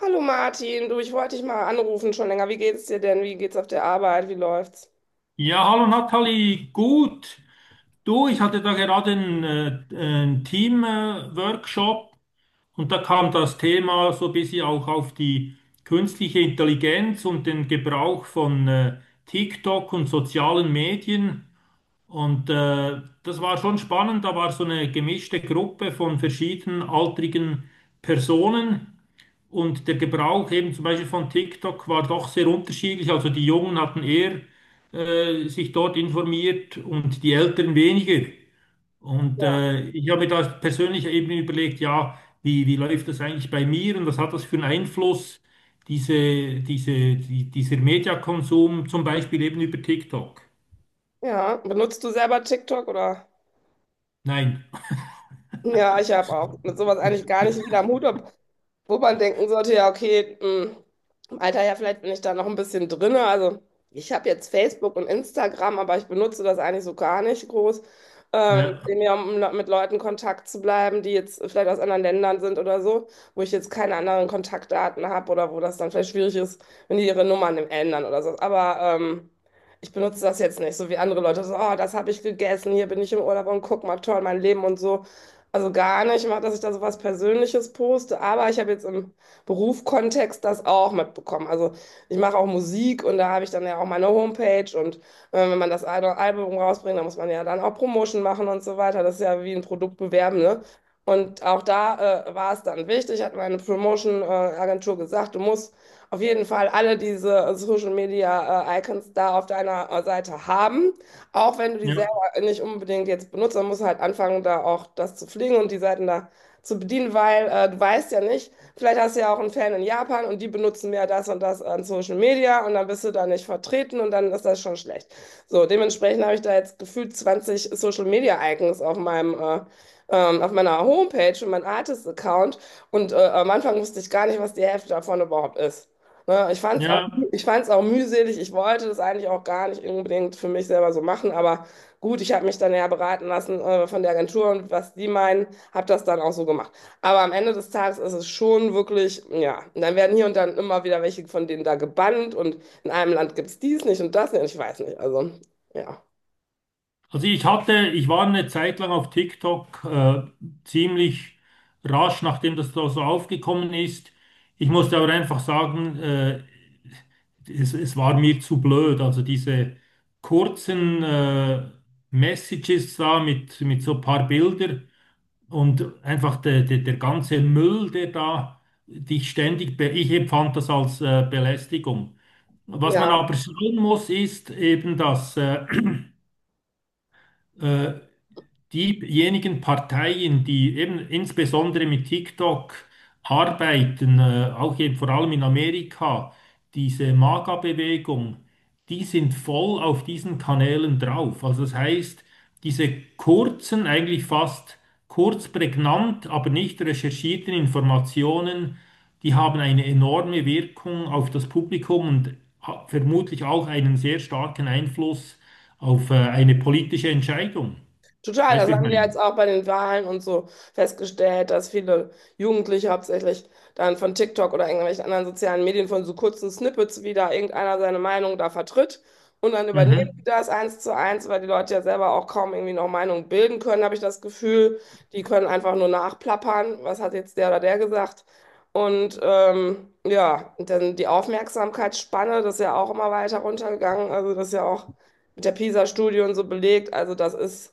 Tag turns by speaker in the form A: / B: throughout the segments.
A: Hallo Martin, du, ich wollte dich mal anrufen schon länger. Wie geht's dir denn? Wie geht's auf der Arbeit? Wie läuft's?
B: Ja, hallo Nathalie, gut. Du, ich hatte da gerade einen Team-Workshop und da kam das Thema so ein bisschen auch auf die künstliche Intelligenz und den Gebrauch von TikTok und sozialen Medien. Das war schon spannend, da war so eine gemischte Gruppe von verschiedenen altrigen Personen. Und der Gebrauch eben zum Beispiel von TikTok war doch sehr unterschiedlich. Also die Jungen hatten eher sich dort informiert und die Älteren weniger. Ich habe mir da persönlich eben überlegt, ja, wie läuft das eigentlich bei mir und was hat das für einen Einfluss, dieser Mediakonsum, zum Beispiel eben über TikTok.
A: Ja, benutzt du selber TikTok oder?
B: Nein.
A: Ja, ich habe auch mit sowas eigentlich gar nicht wieder am Hut, ob, wo man denken sollte, ja, okay, mh, im Alter ja, vielleicht bin ich da noch ein bisschen drinne. Also ich habe jetzt Facebook und Instagram, aber ich benutze das eigentlich so gar nicht groß,
B: Ja,
A: eben ja, um noch mit Leuten Kontakt zu bleiben, die jetzt vielleicht aus anderen Ländern sind oder so, wo ich jetzt keine anderen Kontaktdaten habe oder wo das dann vielleicht schwierig ist, wenn die ihre Nummern ändern oder so. Aber ich benutze das jetzt nicht, so wie andere Leute so, oh, das habe ich gegessen, hier bin ich im Urlaub und guck mal, toll, mein Leben und so. Also gar nicht, macht, dass ich da so was Persönliches poste, aber ich habe jetzt im Berufskontext das auch mitbekommen. Also ich mache auch Musik und da habe ich dann ja auch meine Homepage und wenn man das Album rausbringt, dann muss man ja dann auch Promotion machen und so weiter. Das ist ja wie ein Produkt bewerben, ne? Und auch da war es dann wichtig, hat meine Promotion-Agentur gesagt, du musst auf jeden Fall alle diese Social Media Icons da auf deiner Seite haben, auch wenn du die
B: ja,
A: nicht unbedingt jetzt benutzt. Man muss halt anfangen, da auch das zu fliegen und die Seiten da zu bedienen, weil du weißt ja nicht, vielleicht hast du ja auch einen Fan in Japan und die benutzen mehr das und das an Social Media und dann bist du da nicht vertreten und dann ist das schon schlecht. So, dementsprechend habe ich da jetzt gefühlt 20 Social Media Icons auf meinem auf meiner Homepage und meinem Artist-Account und am Anfang wusste ich gar nicht, was die Hälfte davon überhaupt ist. Ne,
B: ja.
A: ich fand's auch mühselig. Ich wollte das eigentlich auch gar nicht unbedingt für mich selber so machen, aber gut, ich habe mich dann ja beraten lassen von der Agentur und was die meinen, habe das dann auch so gemacht. Aber am Ende des Tages ist es schon wirklich, ja, und dann werden hier und dann immer wieder welche von denen da gebannt und in einem Land gibt es dies nicht und das nicht und ich weiß nicht. Also, ja.
B: Also ich war eine Zeit lang auf TikTok, ziemlich rasch, nachdem das da so aufgekommen ist. Ich musste aber einfach sagen, es war mir zu blöd. Also diese kurzen Messages da mit so ein paar Bilder und einfach der ganze Müll, der da dich ständig, be ich empfand das als Belästigung. Was man
A: Ja.
B: aber schauen muss, ist eben, dass diejenigen Parteien, die eben insbesondere mit TikTok arbeiten, auch eben vor allem in Amerika, diese MAGA-Bewegung, die sind voll auf diesen Kanälen drauf. Also das heißt, diese kurzen, eigentlich fast kurz prägnant, aber nicht recherchierten Informationen, die haben eine enorme Wirkung auf das Publikum und vermutlich auch einen sehr starken Einfluss auf eine politische Entscheidung.
A: Total,
B: Weißt
A: das
B: du, wie ich
A: haben wir
B: meine?
A: jetzt auch bei den Wahlen und so festgestellt, dass viele Jugendliche hauptsächlich dann von TikTok oder irgendwelchen anderen sozialen Medien von so kurzen Snippets wieder irgendeiner seine Meinung da vertritt. Und dann übernehmen die
B: Mhm,
A: das eins zu eins, weil die Leute ja selber auch kaum irgendwie noch Meinung bilden können, habe ich das Gefühl. Die können einfach nur nachplappern, was hat jetzt der oder der gesagt. Und ja, und dann die Aufmerksamkeitsspanne, das ist ja auch immer weiter runtergegangen. Also das ist ja auch mit der PISA-Studie und so belegt. Also das ist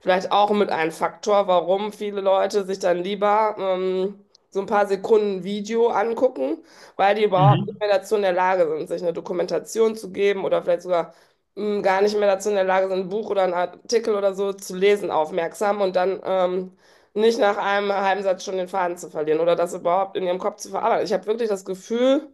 A: vielleicht auch mit ein Faktor, warum viele Leute sich dann lieber so ein paar Sekunden Video angucken, weil die überhaupt nicht
B: mhm,
A: mehr dazu in der Lage sind, sich eine Dokumentation zu geben oder vielleicht sogar gar nicht mehr dazu in der Lage sind, ein Buch oder einen Artikel oder so zu lesen, aufmerksam, und dann nicht nach einem halben Satz schon den Faden zu verlieren oder das überhaupt in ihrem Kopf zu verarbeiten. Ich habe wirklich das Gefühl,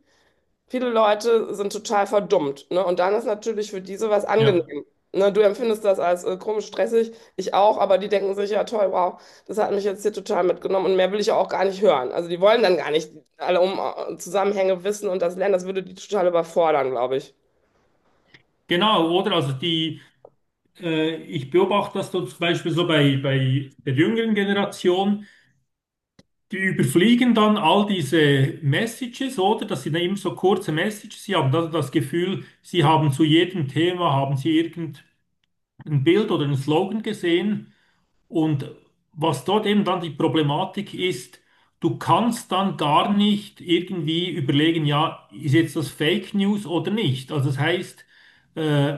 A: viele Leute sind total verdummt, ne? Und dann ist natürlich für diese was
B: ja,
A: angenehm. Ne? Du empfindest das als komisch stressig, ich auch, aber die denken sich, ja toll, wow, das hat mich jetzt hier total mitgenommen und mehr will ich ja auch gar nicht hören. Also die wollen dann gar nicht alle um Zusammenhänge wissen und das lernen, das würde die total überfordern, glaube ich.
B: genau, oder? Also die, ich beobachte das so zum Beispiel so bei der jüngeren Generation, die überfliegen dann all diese Messages, oder? Dass sie ja immer so kurze Messages. Sie haben dann das Gefühl, sie haben zu jedem Thema, haben sie irgendein Bild oder einen Slogan gesehen. Und was dort eben dann die Problematik ist, du kannst dann gar nicht irgendwie überlegen, ja, ist jetzt das Fake News oder nicht. Also das heißt, äh,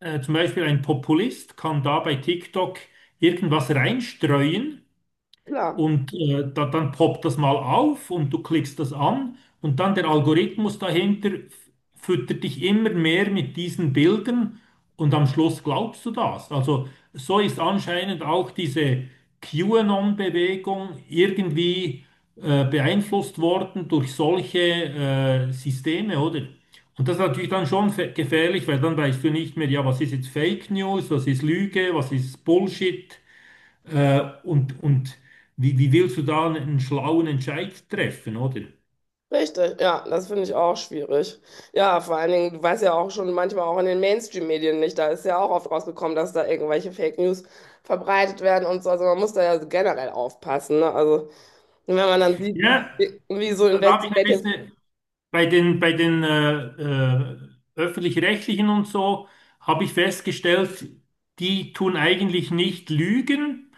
B: zum Beispiel ein Populist kann da bei TikTok irgendwas reinstreuen
A: Klar.
B: und dann poppt das mal auf und du klickst das an und dann der Algorithmus dahinter füttert dich immer mehr mit diesen Bildern und am Schluss glaubst du das. Also so ist anscheinend auch diese QAnon-Bewegung irgendwie beeinflusst worden durch solche Systeme, oder? Und das ist natürlich dann schon gefährlich, weil dann weißt du nicht mehr, ja, was ist jetzt Fake News, was ist Lüge, was ist Bullshit. Und wie willst du da einen schlauen Entscheid treffen, oder?
A: Richtig, ja, das finde ich auch schwierig. Ja, vor allen Dingen, du weißt ja auch schon manchmal auch in den Mainstream-Medien nicht, da ist ja auch oft rausgekommen, dass da irgendwelche Fake News verbreitet werden und so. Also man muss da ja generell aufpassen, ne? Also wenn man dann sieht,
B: Ja,
A: wie so
B: da habe ich ein
A: Investigative,
B: bisschen bei den äh, öffentlich-rechtlichen und so, habe ich festgestellt, die tun eigentlich nicht lügen,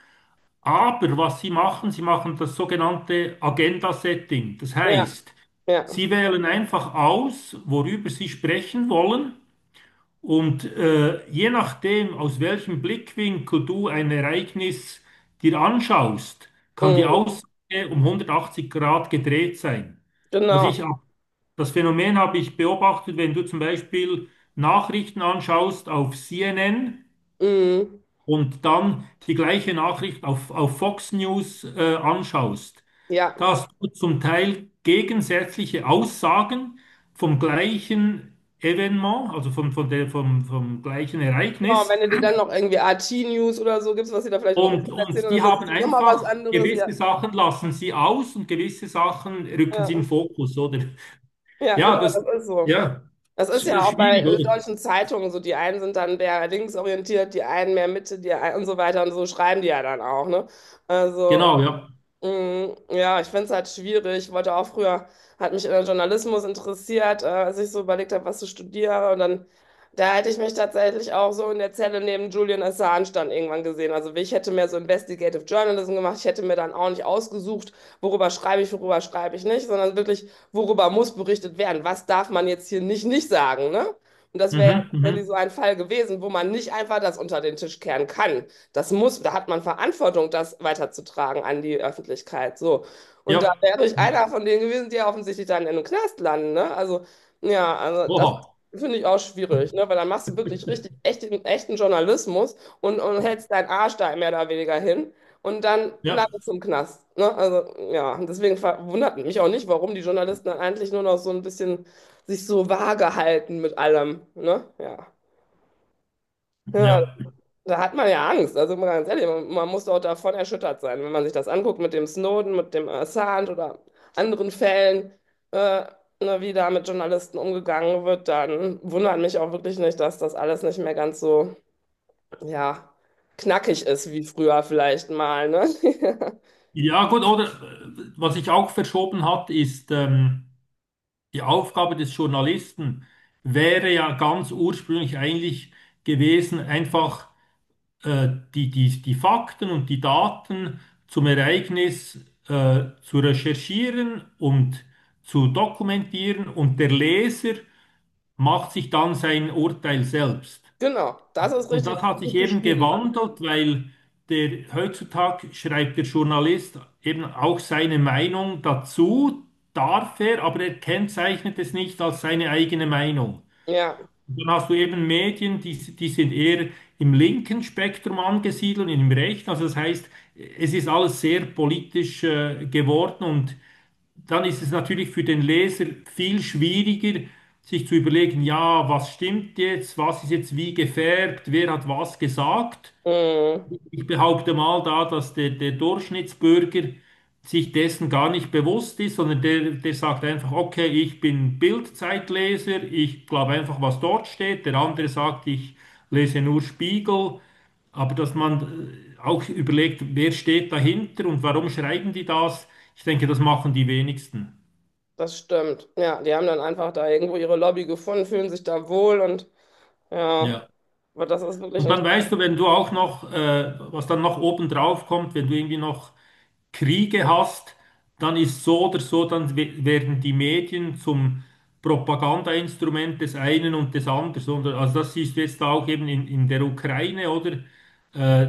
B: aber was sie machen das sogenannte Agenda-Setting. Das
A: ja,
B: heißt,
A: ja,
B: sie wählen einfach aus, worüber sie sprechen wollen. Und je nachdem, aus welchem Blickwinkel du ein Ereignis dir anschaust, kann die
A: mm,
B: Aussage um 180 Grad gedreht sein. Also ich,
A: genau,
B: hab- Das Phänomen habe ich beobachtet, wenn du zum Beispiel Nachrichten anschaust auf CNN
A: mm,
B: und dann die gleiche Nachricht auf Fox News anschaust,
A: ja.
B: dass du zum Teil gegensätzliche Aussagen vom gleichen Evenement, also vom, von der, vom, vom gleichen
A: Ja, und
B: Ereignis,
A: wenn du dir dann noch irgendwie RT-News oder so gibst, was sie da vielleicht in Russland erzählen
B: und
A: oder
B: die
A: so, dann
B: haben
A: siehst du nochmal was
B: einfach
A: anderes, ja,
B: gewisse Sachen lassen sie aus und gewisse Sachen rücken sie in den
A: ja,
B: Fokus, oder?
A: ja,
B: Ja,
A: genau,
B: das,
A: das ist so.
B: ja,
A: Das ist
B: sch-
A: ja auch bei
B: schwierig, oder?
A: deutschen Zeitungen so. Die einen sind dann mehr linksorientiert, die einen mehr Mitte, die einen und so weiter und so schreiben die ja dann auch, ne? Also.
B: Genau, ja.
A: Mm, ja, ich finde es halt schwierig. Ich wollte auch früher, hat mich in den Journalismus interessiert, als ich so überlegt habe, was ich studiere. Und dann, da hätte ich mich tatsächlich auch so in der Zelle neben Julian Assange dann irgendwann gesehen. Also ich hätte mehr so Investigative Journalism gemacht. Ich hätte mir dann auch nicht ausgesucht, worüber schreibe ich nicht, sondern wirklich, worüber muss berichtet werden. Was darf man jetzt hier nicht sagen, ne? Und das wäre ja
B: Mhm,
A: tatsächlich so
B: mhm,
A: ein Fall gewesen, wo man nicht einfach das unter den Tisch kehren kann. Das muss, da hat man Verantwortung, das weiterzutragen an die Öffentlichkeit. So. Und da
B: ja,
A: wäre ich
B: ja.
A: einer von denen gewesen, die ja offensichtlich dann in den Knast landen. Ne? Also, ja, also das
B: Oha,
A: finde ich auch schwierig, ne? Weil dann machst du wirklich richtig echten, echten Journalismus und hältst deinen Arsch da mehr oder weniger hin und dann
B: ja,
A: landest du im Knast. Ne? Also, ja, und deswegen verwundert mich auch nicht, warum die Journalisten dann eigentlich nur noch so ein bisschen sich so vage halten mit allem. Ne? Ja. Ja,
B: ja.
A: da hat man ja Angst, also mal ganz ehrlich, man muss auch davon erschüttert sein, wenn man sich das anguckt mit dem Snowden, mit dem Assange oder anderen Fällen, äh, ne, wie da mit Journalisten umgegangen wird, dann wundert mich auch wirklich nicht, dass das alles nicht mehr ganz so, ja, knackig ist wie früher vielleicht mal, ne?
B: Ja, gut, oder was ich auch verschoben hat, ist, die Aufgabe des Journalisten wäre ja ganz ursprünglich eigentlich gewesen, einfach die Fakten und die Daten zum Ereignis zu recherchieren und zu dokumentieren und der Leser macht sich dann sein Urteil selbst.
A: Genau, das ist
B: Und
A: richtig
B: das hat
A: gut
B: sich eben
A: beschrieben dann.
B: gewandelt, weil der heutzutage schreibt der Journalist eben auch seine Meinung dazu, darf er, aber er kennzeichnet es nicht als seine eigene Meinung.
A: Ja,
B: Und dann hast du eben Medien, die sind eher im linken Spektrum angesiedelt und im rechten. Also das heißt, es ist alles sehr politisch geworden und dann ist es natürlich für den Leser viel schwieriger, sich zu überlegen, ja, was stimmt jetzt, was ist jetzt wie gefärbt, wer hat was gesagt.
A: mm,
B: Ich behaupte mal da, dass der Durchschnittsbürger sich dessen gar nicht bewusst ist, sondern der sagt einfach, okay, ich bin Bildzeitleser, ich glaube einfach, was dort steht. Der andere sagt, ich lese nur Spiegel. Aber dass man auch überlegt, wer steht dahinter und warum schreiben die das, ich denke, das machen die wenigsten.
A: das stimmt. Ja, die haben dann einfach da irgendwo ihre Lobby gefunden, fühlen sich da wohl und ja,
B: Ja.
A: aber das ist wirklich
B: Und dann weißt
A: interessant.
B: du, wenn du auch noch, was dann noch oben drauf kommt, wenn du irgendwie noch Kriege hast, dann ist so oder so, dann werden die Medien zum Propagandainstrument des einen und des anderen. So. Also das siehst du jetzt auch eben in der Ukraine, oder? äh,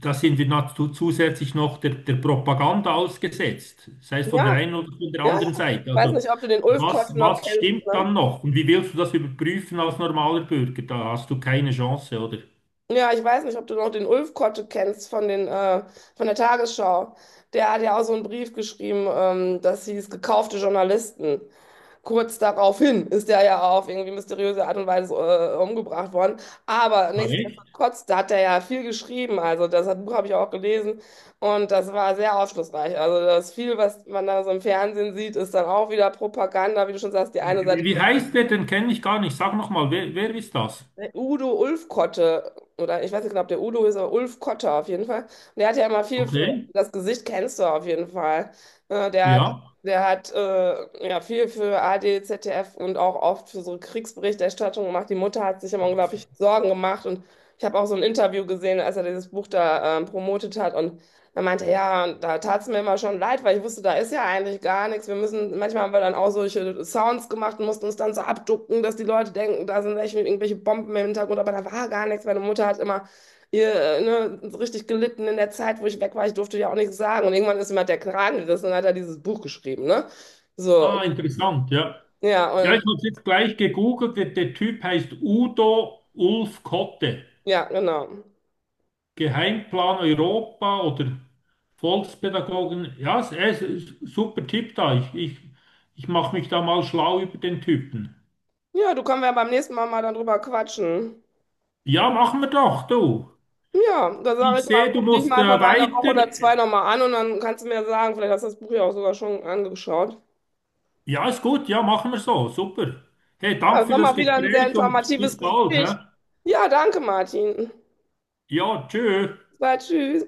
B: da sind wir noch zusätzlich noch der Propaganda ausgesetzt, sei es von der
A: Ja.
B: einen oder von der
A: Ja, ja,
B: anderen Seite.
A: ich weiß
B: Also
A: nicht, ob du den Ulf
B: was,
A: Kotte noch
B: was
A: kennst,
B: stimmt
A: ne?
B: dann noch? Und wie willst du das überprüfen als normaler Bürger? Da hast du keine Chance, oder?
A: Ja, ich weiß nicht, ob du noch den Ulf Kotte kennst von von der Tagesschau. Der hat ja auch so einen Brief geschrieben, das hieß gekaufte Journalisten. Kurz daraufhin ist der ja auf irgendwie mysteriöse Art und Weise umgebracht worden. Aber
B: Ah, echt?
A: nichtsdestotrotz, da hat er ja viel geschrieben. Also Buch habe ich auch gelesen und das war sehr aufschlussreich. Also das viel, was man da so im Fernsehen sieht, ist dann auch wieder Propaganda, wie du schon sagst, die eine Seite.
B: Wie heißt der? Den kenne ich gar nicht. Sag nochmal, wer ist das?
A: Der Udo Ulfkotte, oder ich weiß nicht genau, ob der Udo ist, aber Ulfkotte auf jeden Fall. Und der hat ja immer viel für
B: Okay,
A: das Gesicht kennst du auf jeden Fall. Der hat,
B: ja.
A: ja viel für ARD, ZDF und auch oft für so Kriegsberichterstattung gemacht. Die Mutter hat sich immer unglaublich Sorgen gemacht und ich habe auch so ein Interview gesehen, als er dieses Buch da promotet hat und er meinte, ja, und da tat es mir immer schon leid, weil ich wusste, da ist ja eigentlich gar nichts. Wir müssen, manchmal haben wir dann auch solche Sounds gemacht und mussten uns dann so abducken, dass die Leute denken, da sind echt irgendwelche Bomben im Hintergrund, aber da war gar nichts. Meine Mutter hat immer ne, so richtig gelitten in der Zeit, wo ich weg war. Ich durfte ja auch nichts sagen. Und irgendwann ist mir der Kragen gerissen und hat er dieses Buch geschrieben, ne? So,
B: Ah, interessant, ja.
A: ja,
B: Ja, ich
A: und
B: habe jetzt gleich gegoogelt. Der Typ heißt Udo Ulf Kotte.
A: ja, genau.
B: Geheimplan Europa oder Volkspädagogen. Ja, es ist ein super Tipp da. Ich mache mich da mal schlau über den Typen.
A: Ja, du können wir beim nächsten Mal mal dann drüber quatschen.
B: Ja, machen wir doch, du.
A: Ja, da sage ich
B: Ich
A: mal,
B: sehe, du
A: ruf dich mal
B: musst
A: einfach mal in der Woche
B: weiter.
A: oder zwei nochmal an und dann kannst du mir sagen, vielleicht hast du das Buch ja auch sogar schon angeschaut.
B: Ja, ist gut. Ja, machen wir so. Super. Hey,
A: Ja,
B: danke
A: das
B: für
A: war
B: das
A: mal wieder ein sehr
B: Gespräch und
A: informatives
B: bis bald.
A: Gespräch.
B: Hä?
A: Ja, danke, Martin.
B: Ja, tschüss.
A: Bis tschüss.